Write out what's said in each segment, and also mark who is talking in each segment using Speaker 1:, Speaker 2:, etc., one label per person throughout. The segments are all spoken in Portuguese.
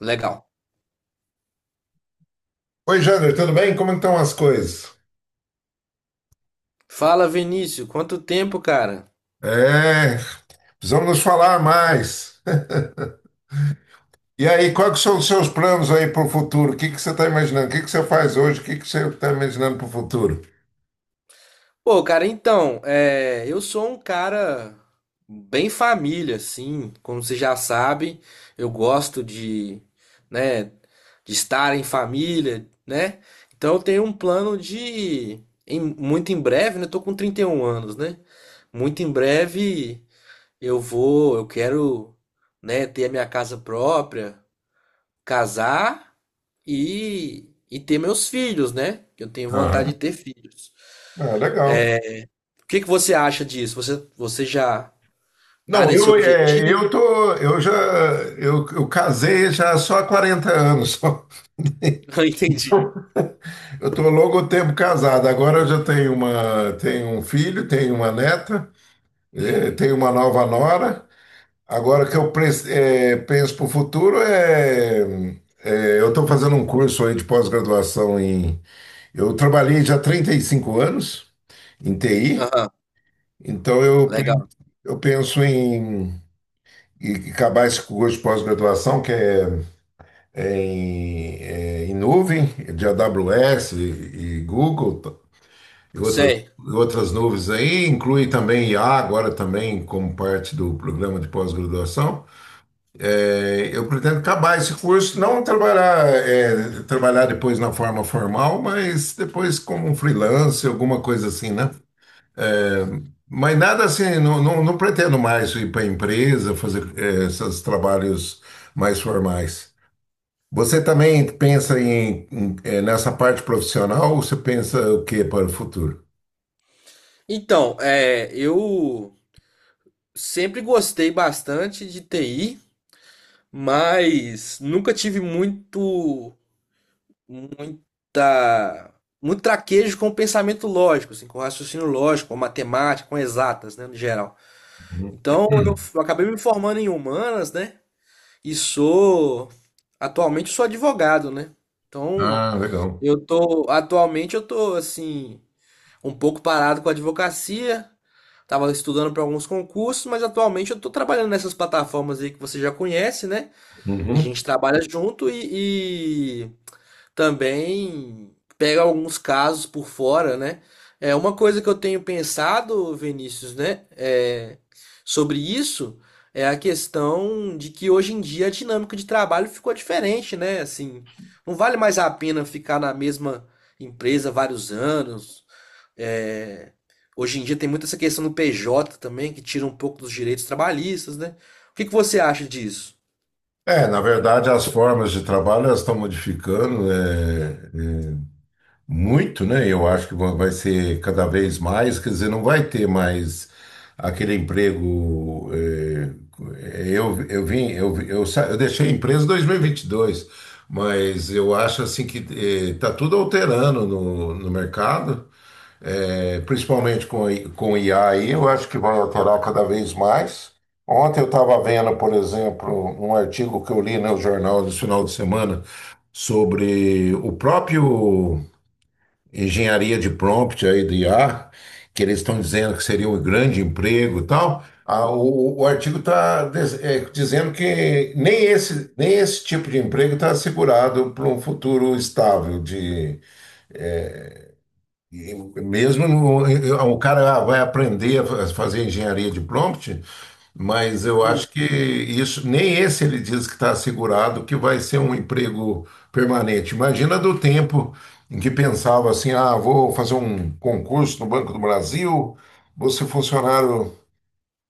Speaker 1: Legal.
Speaker 2: Oi, Jander, tudo bem? Como estão as coisas?
Speaker 1: Fala, Vinícius, quanto tempo, cara?
Speaker 2: É, precisamos nos falar mais. E aí, quais que são os seus planos aí para o futuro? O que que você está imaginando? O que que você faz hoje? O que que você está imaginando para o futuro?
Speaker 1: Pô, cara, então, eu sou um cara bem família, assim, como você já sabe, eu gosto de, né, de estar em família, né? Então eu tenho um plano de, muito em breve, né? Eu tô com 31 anos, né? Muito em breve eu quero, né, ter a minha casa própria, casar e ter meus filhos, né? Que eu tenho vontade de
Speaker 2: Aham.
Speaker 1: ter filhos.
Speaker 2: Ah, legal.
Speaker 1: O que que você acha disso? Você já tá
Speaker 2: Não,
Speaker 1: nesse
Speaker 2: eu, é, eu
Speaker 1: objetivo?
Speaker 2: tô, eu já, eu casei já só há 40 anos.
Speaker 1: Não entendi.
Speaker 2: Eu tô longo tempo casado. Agora eu já tenho um filho, tenho uma neta, tenho uma nova nora. Agora o que eu penso para o futuro eu estou fazendo um curso aí de pós-graduação em. Eu trabalhei já 35 anos em TI,
Speaker 1: Aham,
Speaker 2: então eu, pre-
Speaker 1: legal.
Speaker 2: eu penso em acabar esse curso de pós-graduação, que é em nuvem, de AWS e Google e outras,
Speaker 1: Sei.
Speaker 2: e outras nuvens aí, inclui também IA agora também como parte do programa de pós-graduação. Eu pretendo acabar esse curso, não trabalhar depois na forma formal, mas depois como um freelance, alguma coisa assim, né? É, mas nada assim, não, não, não pretendo mais ir para a empresa, fazer esses trabalhos mais formais. Você também pensa em nessa parte profissional ou você pensa o que para o futuro?
Speaker 1: Então, eu sempre gostei bastante de TI, mas nunca tive muito, muita, muito traquejo com o pensamento lógico, assim, com o raciocínio lógico, com a matemática, com exatas, né, no geral.
Speaker 2: Uhum.
Speaker 1: Então,
Speaker 2: Hum.
Speaker 1: eu acabei me formando em humanas, né? E sou. Atualmente eu sou advogado, né? Então,
Speaker 2: Ah, legal.
Speaker 1: eu tô. Atualmente eu tô, assim, um pouco parado com a advocacia. Tava estudando para alguns concursos, mas atualmente eu tô trabalhando nessas plataformas aí que você já conhece, né? Que a
Speaker 2: Uhum.
Speaker 1: gente trabalha junto e, também pega alguns casos por fora, né? É uma coisa que eu tenho pensado, Vinícius, né? É, sobre isso é a questão de que hoje em dia a dinâmica de trabalho ficou diferente, né? Assim, não vale mais a pena ficar na mesma empresa vários anos. É, hoje em dia tem muito essa questão do PJ também, que tira um pouco dos direitos trabalhistas, né? O que que você acha disso?
Speaker 2: Na verdade, as formas de trabalho elas estão modificando, né? é, Muito, né? Eu acho que vai ser cada vez mais, quer dizer, não vai ter mais aquele emprego. Eu vim, eu, vi- eu, sa- eu deixei a empresa em 2022, mas eu acho assim que está tudo alterando no mercado, principalmente com IA aí, eu acho que vai alterar cada vez mais. Ontem eu estava vendo, por exemplo, um artigo que eu li no jornal no final de semana sobre o próprio engenharia de prompt aí do IA, que eles estão dizendo que seria um grande emprego e tal, o artigo está dizendo que nem esse, tipo de emprego está assegurado para um futuro estável de, e mesmo o cara, vai aprender a fazer engenharia de prompt, mas eu acho que isso, nem esse ele diz que está assegurado que vai ser um emprego permanente. Imagina do tempo em que pensava assim: ah, vou fazer um concurso no Banco do Brasil, vou ser funcionário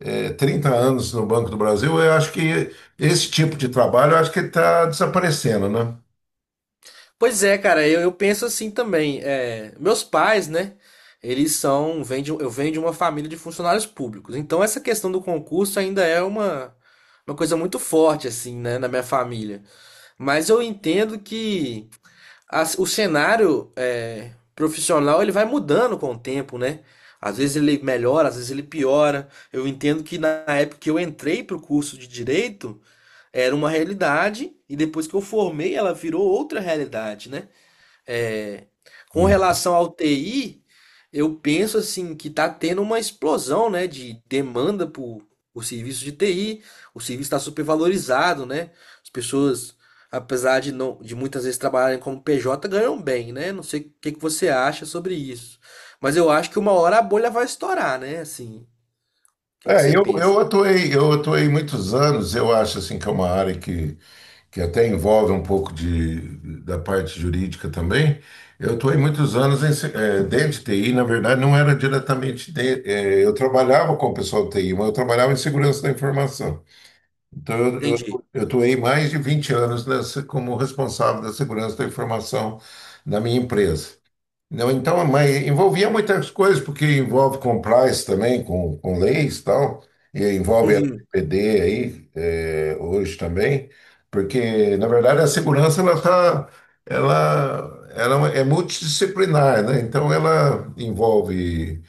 Speaker 2: 30 anos no Banco do Brasil. Eu acho que esse tipo de trabalho, eu acho que está desaparecendo, né?
Speaker 1: Pois é, cara, eu penso assim também. É, meus pais, né? Eles são, eu venho de uma família de funcionários públicos. Então essa questão do concurso ainda é uma coisa muito forte, assim, né, na minha família. Mas eu entendo que o cenário é, profissional ele vai mudando com o tempo, né? Às vezes ele melhora, às vezes ele piora. Eu entendo que na época que eu entrei para o curso de direito, era uma realidade, e depois que eu formei, ela virou outra realidade, né? É, com
Speaker 2: Hum.
Speaker 1: relação ao TI, eu penso assim que está tendo uma explosão, né, de demanda por serviço de TI. O serviço está supervalorizado, né? As pessoas, apesar de não, de muitas vezes trabalharem como PJ, ganham bem, né? Não sei o que que você acha sobre isso, mas eu acho que uma hora a bolha vai estourar, né? Assim, o que que
Speaker 2: É,
Speaker 1: você
Speaker 2: eu,
Speaker 1: pensa?
Speaker 2: eu atuei, eu atuei muitos anos, eu acho assim que é uma área que até envolve um pouco da parte jurídica também. Eu estou aí muitos anos dentro de TI, na verdade, não era diretamente. Eu trabalhava com o pessoal do TI, mas eu trabalhava em segurança da informação. Então, eu
Speaker 1: Entendi.
Speaker 2: eu estou aí mais de 20 anos nessa, como responsável da segurança da informação da minha empresa. Não, então, mas envolvia muitas coisas, porque envolve compliance também, com leis e tal, e envolve a
Speaker 1: Uhum.
Speaker 2: LGPD aí, hoje também, porque, na verdade, a segurança, ela é multidisciplinar, né? Então, ela envolve,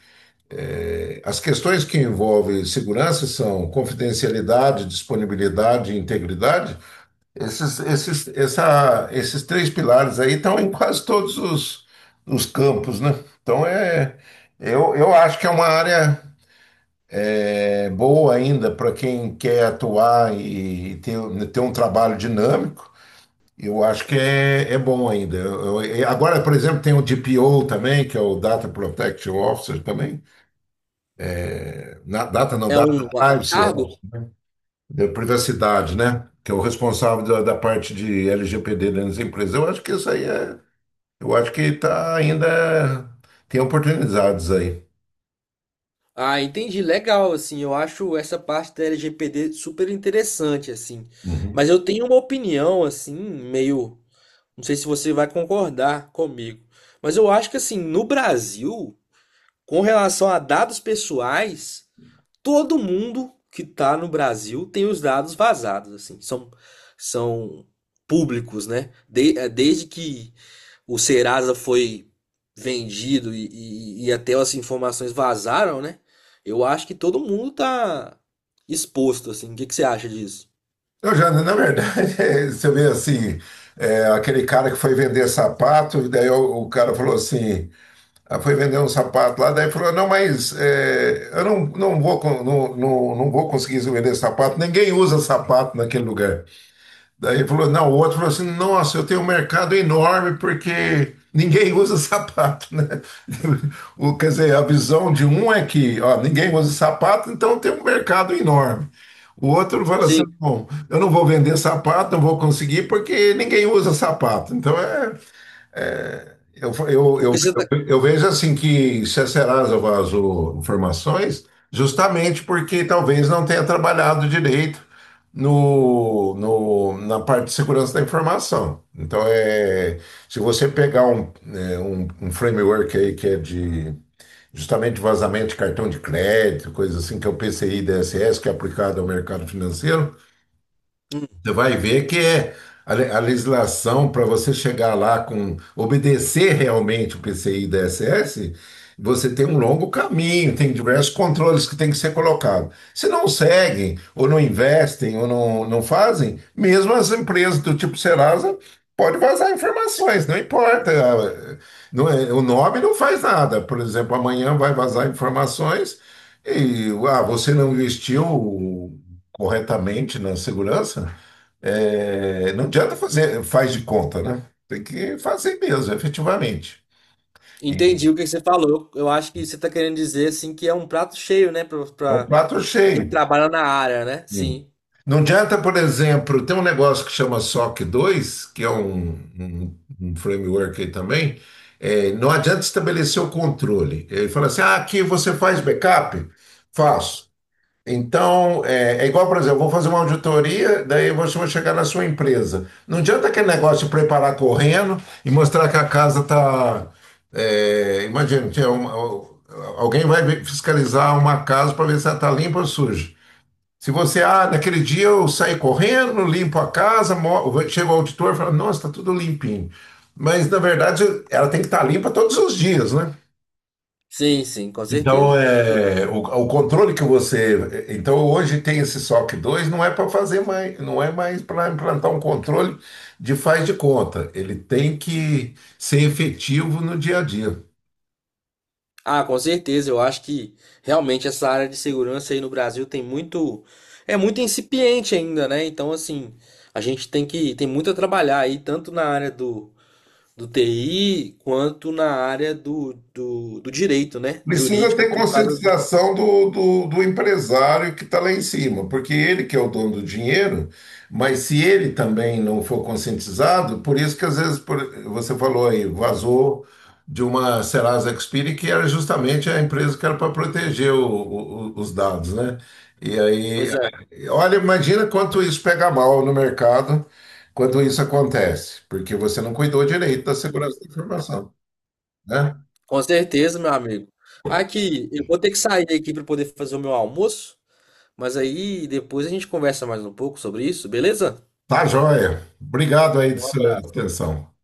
Speaker 2: as questões que envolvem segurança são confidencialidade, disponibilidade e integridade, esses três pilares aí estão em quase todos os campos, né? Então, eu acho que é uma área boa ainda para quem quer atuar e ter um trabalho dinâmico. Eu acho que é bom ainda. E agora, por exemplo, tem o DPO também, que é o Data Protection Officer também. Na, data não,
Speaker 1: É
Speaker 2: Data
Speaker 1: um, um
Speaker 2: Privacy
Speaker 1: cargo?
Speaker 2: Officer, da privacidade, né? Que é o responsável da parte de LGPD dentro das empresas. Eu acho que isso aí é. Eu acho que tá ainda tem oportunidades aí.
Speaker 1: Ah, entendi. Legal, assim, eu acho essa parte da LGPD super interessante, assim.
Speaker 2: Uhum.
Speaker 1: Mas eu tenho uma opinião, assim, meio. Não sei se você vai concordar comigo. Mas eu acho que, assim, no Brasil, com relação a dados pessoais, todo mundo que tá no Brasil tem os dados vazados, assim. São públicos, né? Desde que o Serasa foi vendido e até as informações vazaram, né? Eu acho que todo mundo tá exposto, assim. O que que você acha disso?
Speaker 2: Eu já, na verdade, você vê assim, aquele cara que foi vender sapato, e daí o cara falou assim: ah, foi vender um sapato lá, daí falou, não, mas eu não, não vou, não, não, não vou conseguir vender sapato, ninguém usa sapato naquele lugar. Daí ele falou, não, o outro falou assim: nossa, eu tenho um mercado enorme porque ninguém usa sapato, né? O, quer dizer, a visão de um é que, ó, ninguém usa sapato, então tem um mercado enorme. O outro fala assim:
Speaker 1: Sim,
Speaker 2: bom, eu não vou vender sapato, não vou conseguir porque ninguém usa sapato. Então, eu, eu,
Speaker 1: o
Speaker 2: eu,
Speaker 1: que você tá...
Speaker 2: eu vejo assim que se a Serasa vazou informações, justamente porque talvez não tenha trabalhado direito no, no, na parte de segurança da informação. Então, se você pegar um framework aí que é de justamente vazamento de cartão de crédito, coisa assim, que é o PCI DSS, que é aplicado ao mercado financeiro,
Speaker 1: Hum,
Speaker 2: você vai ver que é a legislação para você chegar lá com obedecer realmente o PCI DSS, você tem um longo caminho, tem diversos controles que tem que ser colocado. Se não seguem, ou não investem, ou não, não fazem, mesmo as empresas do tipo Serasa pode vazar informações, não importa. Não é- o nome não faz nada. Por exemplo, amanhã vai vazar informações e você não investiu corretamente na segurança? Não adianta fazer, faz de conta, né? Tem que fazer mesmo, efetivamente. E
Speaker 1: entendi o que você falou. Eu acho que você tá querendo dizer, assim, que é um prato cheio, né?
Speaker 2: é um prato
Speaker 1: Pra quem
Speaker 2: cheio.
Speaker 1: trabalha na área, né?
Speaker 2: E
Speaker 1: Sim.
Speaker 2: não adianta, por exemplo, tem um negócio que chama SOC 2 que é um framework aí também. Não adianta estabelecer o controle. Ele fala assim: ah, aqui você faz backup? Faço. Então, é igual, por exemplo, eu vou fazer uma auditoria, daí você vai chegar na sua empresa. Não adianta aquele negócio de preparar correndo e mostrar que a casa está. Imagina, alguém vai fiscalizar uma casa para ver se ela está limpa ou suja. Se você, naquele dia eu saí correndo, limpo a casa, chega o auditor e fala, nossa, está tudo limpinho. Mas, na verdade, ela tem que estar limpa todos os dias, né?
Speaker 1: Sim, sim, com
Speaker 2: Então,
Speaker 1: certeza. Com certeza.
Speaker 2: o controle que você. Então, hoje tem esse SOC 2 não é para fazer mais, não é mais para implantar um controle de faz de conta. Ele tem que ser efetivo no dia a dia.
Speaker 1: Ah, com certeza. Eu acho que realmente essa área de segurança aí no Brasil é muito incipiente ainda, né? Então, assim, a gente tem que tem muito a trabalhar aí, tanto na área do TI quanto na área do direito, né?
Speaker 2: Precisa
Speaker 1: Jurídica,
Speaker 2: ter
Speaker 1: por causa da...
Speaker 2: conscientização do empresário que está lá em cima, porque ele que é o dono do dinheiro, mas se ele também não for conscientizado, por isso que às vezes você falou aí, vazou de uma Serasa Experian, que era justamente a empresa que era para proteger os dados, né? E aí,
Speaker 1: Pois é,
Speaker 2: olha, imagina quanto isso pega mal no mercado quando isso acontece, porque você não cuidou direito da segurança da informação, né?
Speaker 1: com certeza, meu amigo. Aqui, eu vou ter que sair aqui para poder fazer o meu almoço, mas aí depois a gente conversa mais um pouco sobre isso, beleza?
Speaker 2: Tá joia. Obrigado aí da
Speaker 1: Um
Speaker 2: sua
Speaker 1: abraço.
Speaker 2: atenção.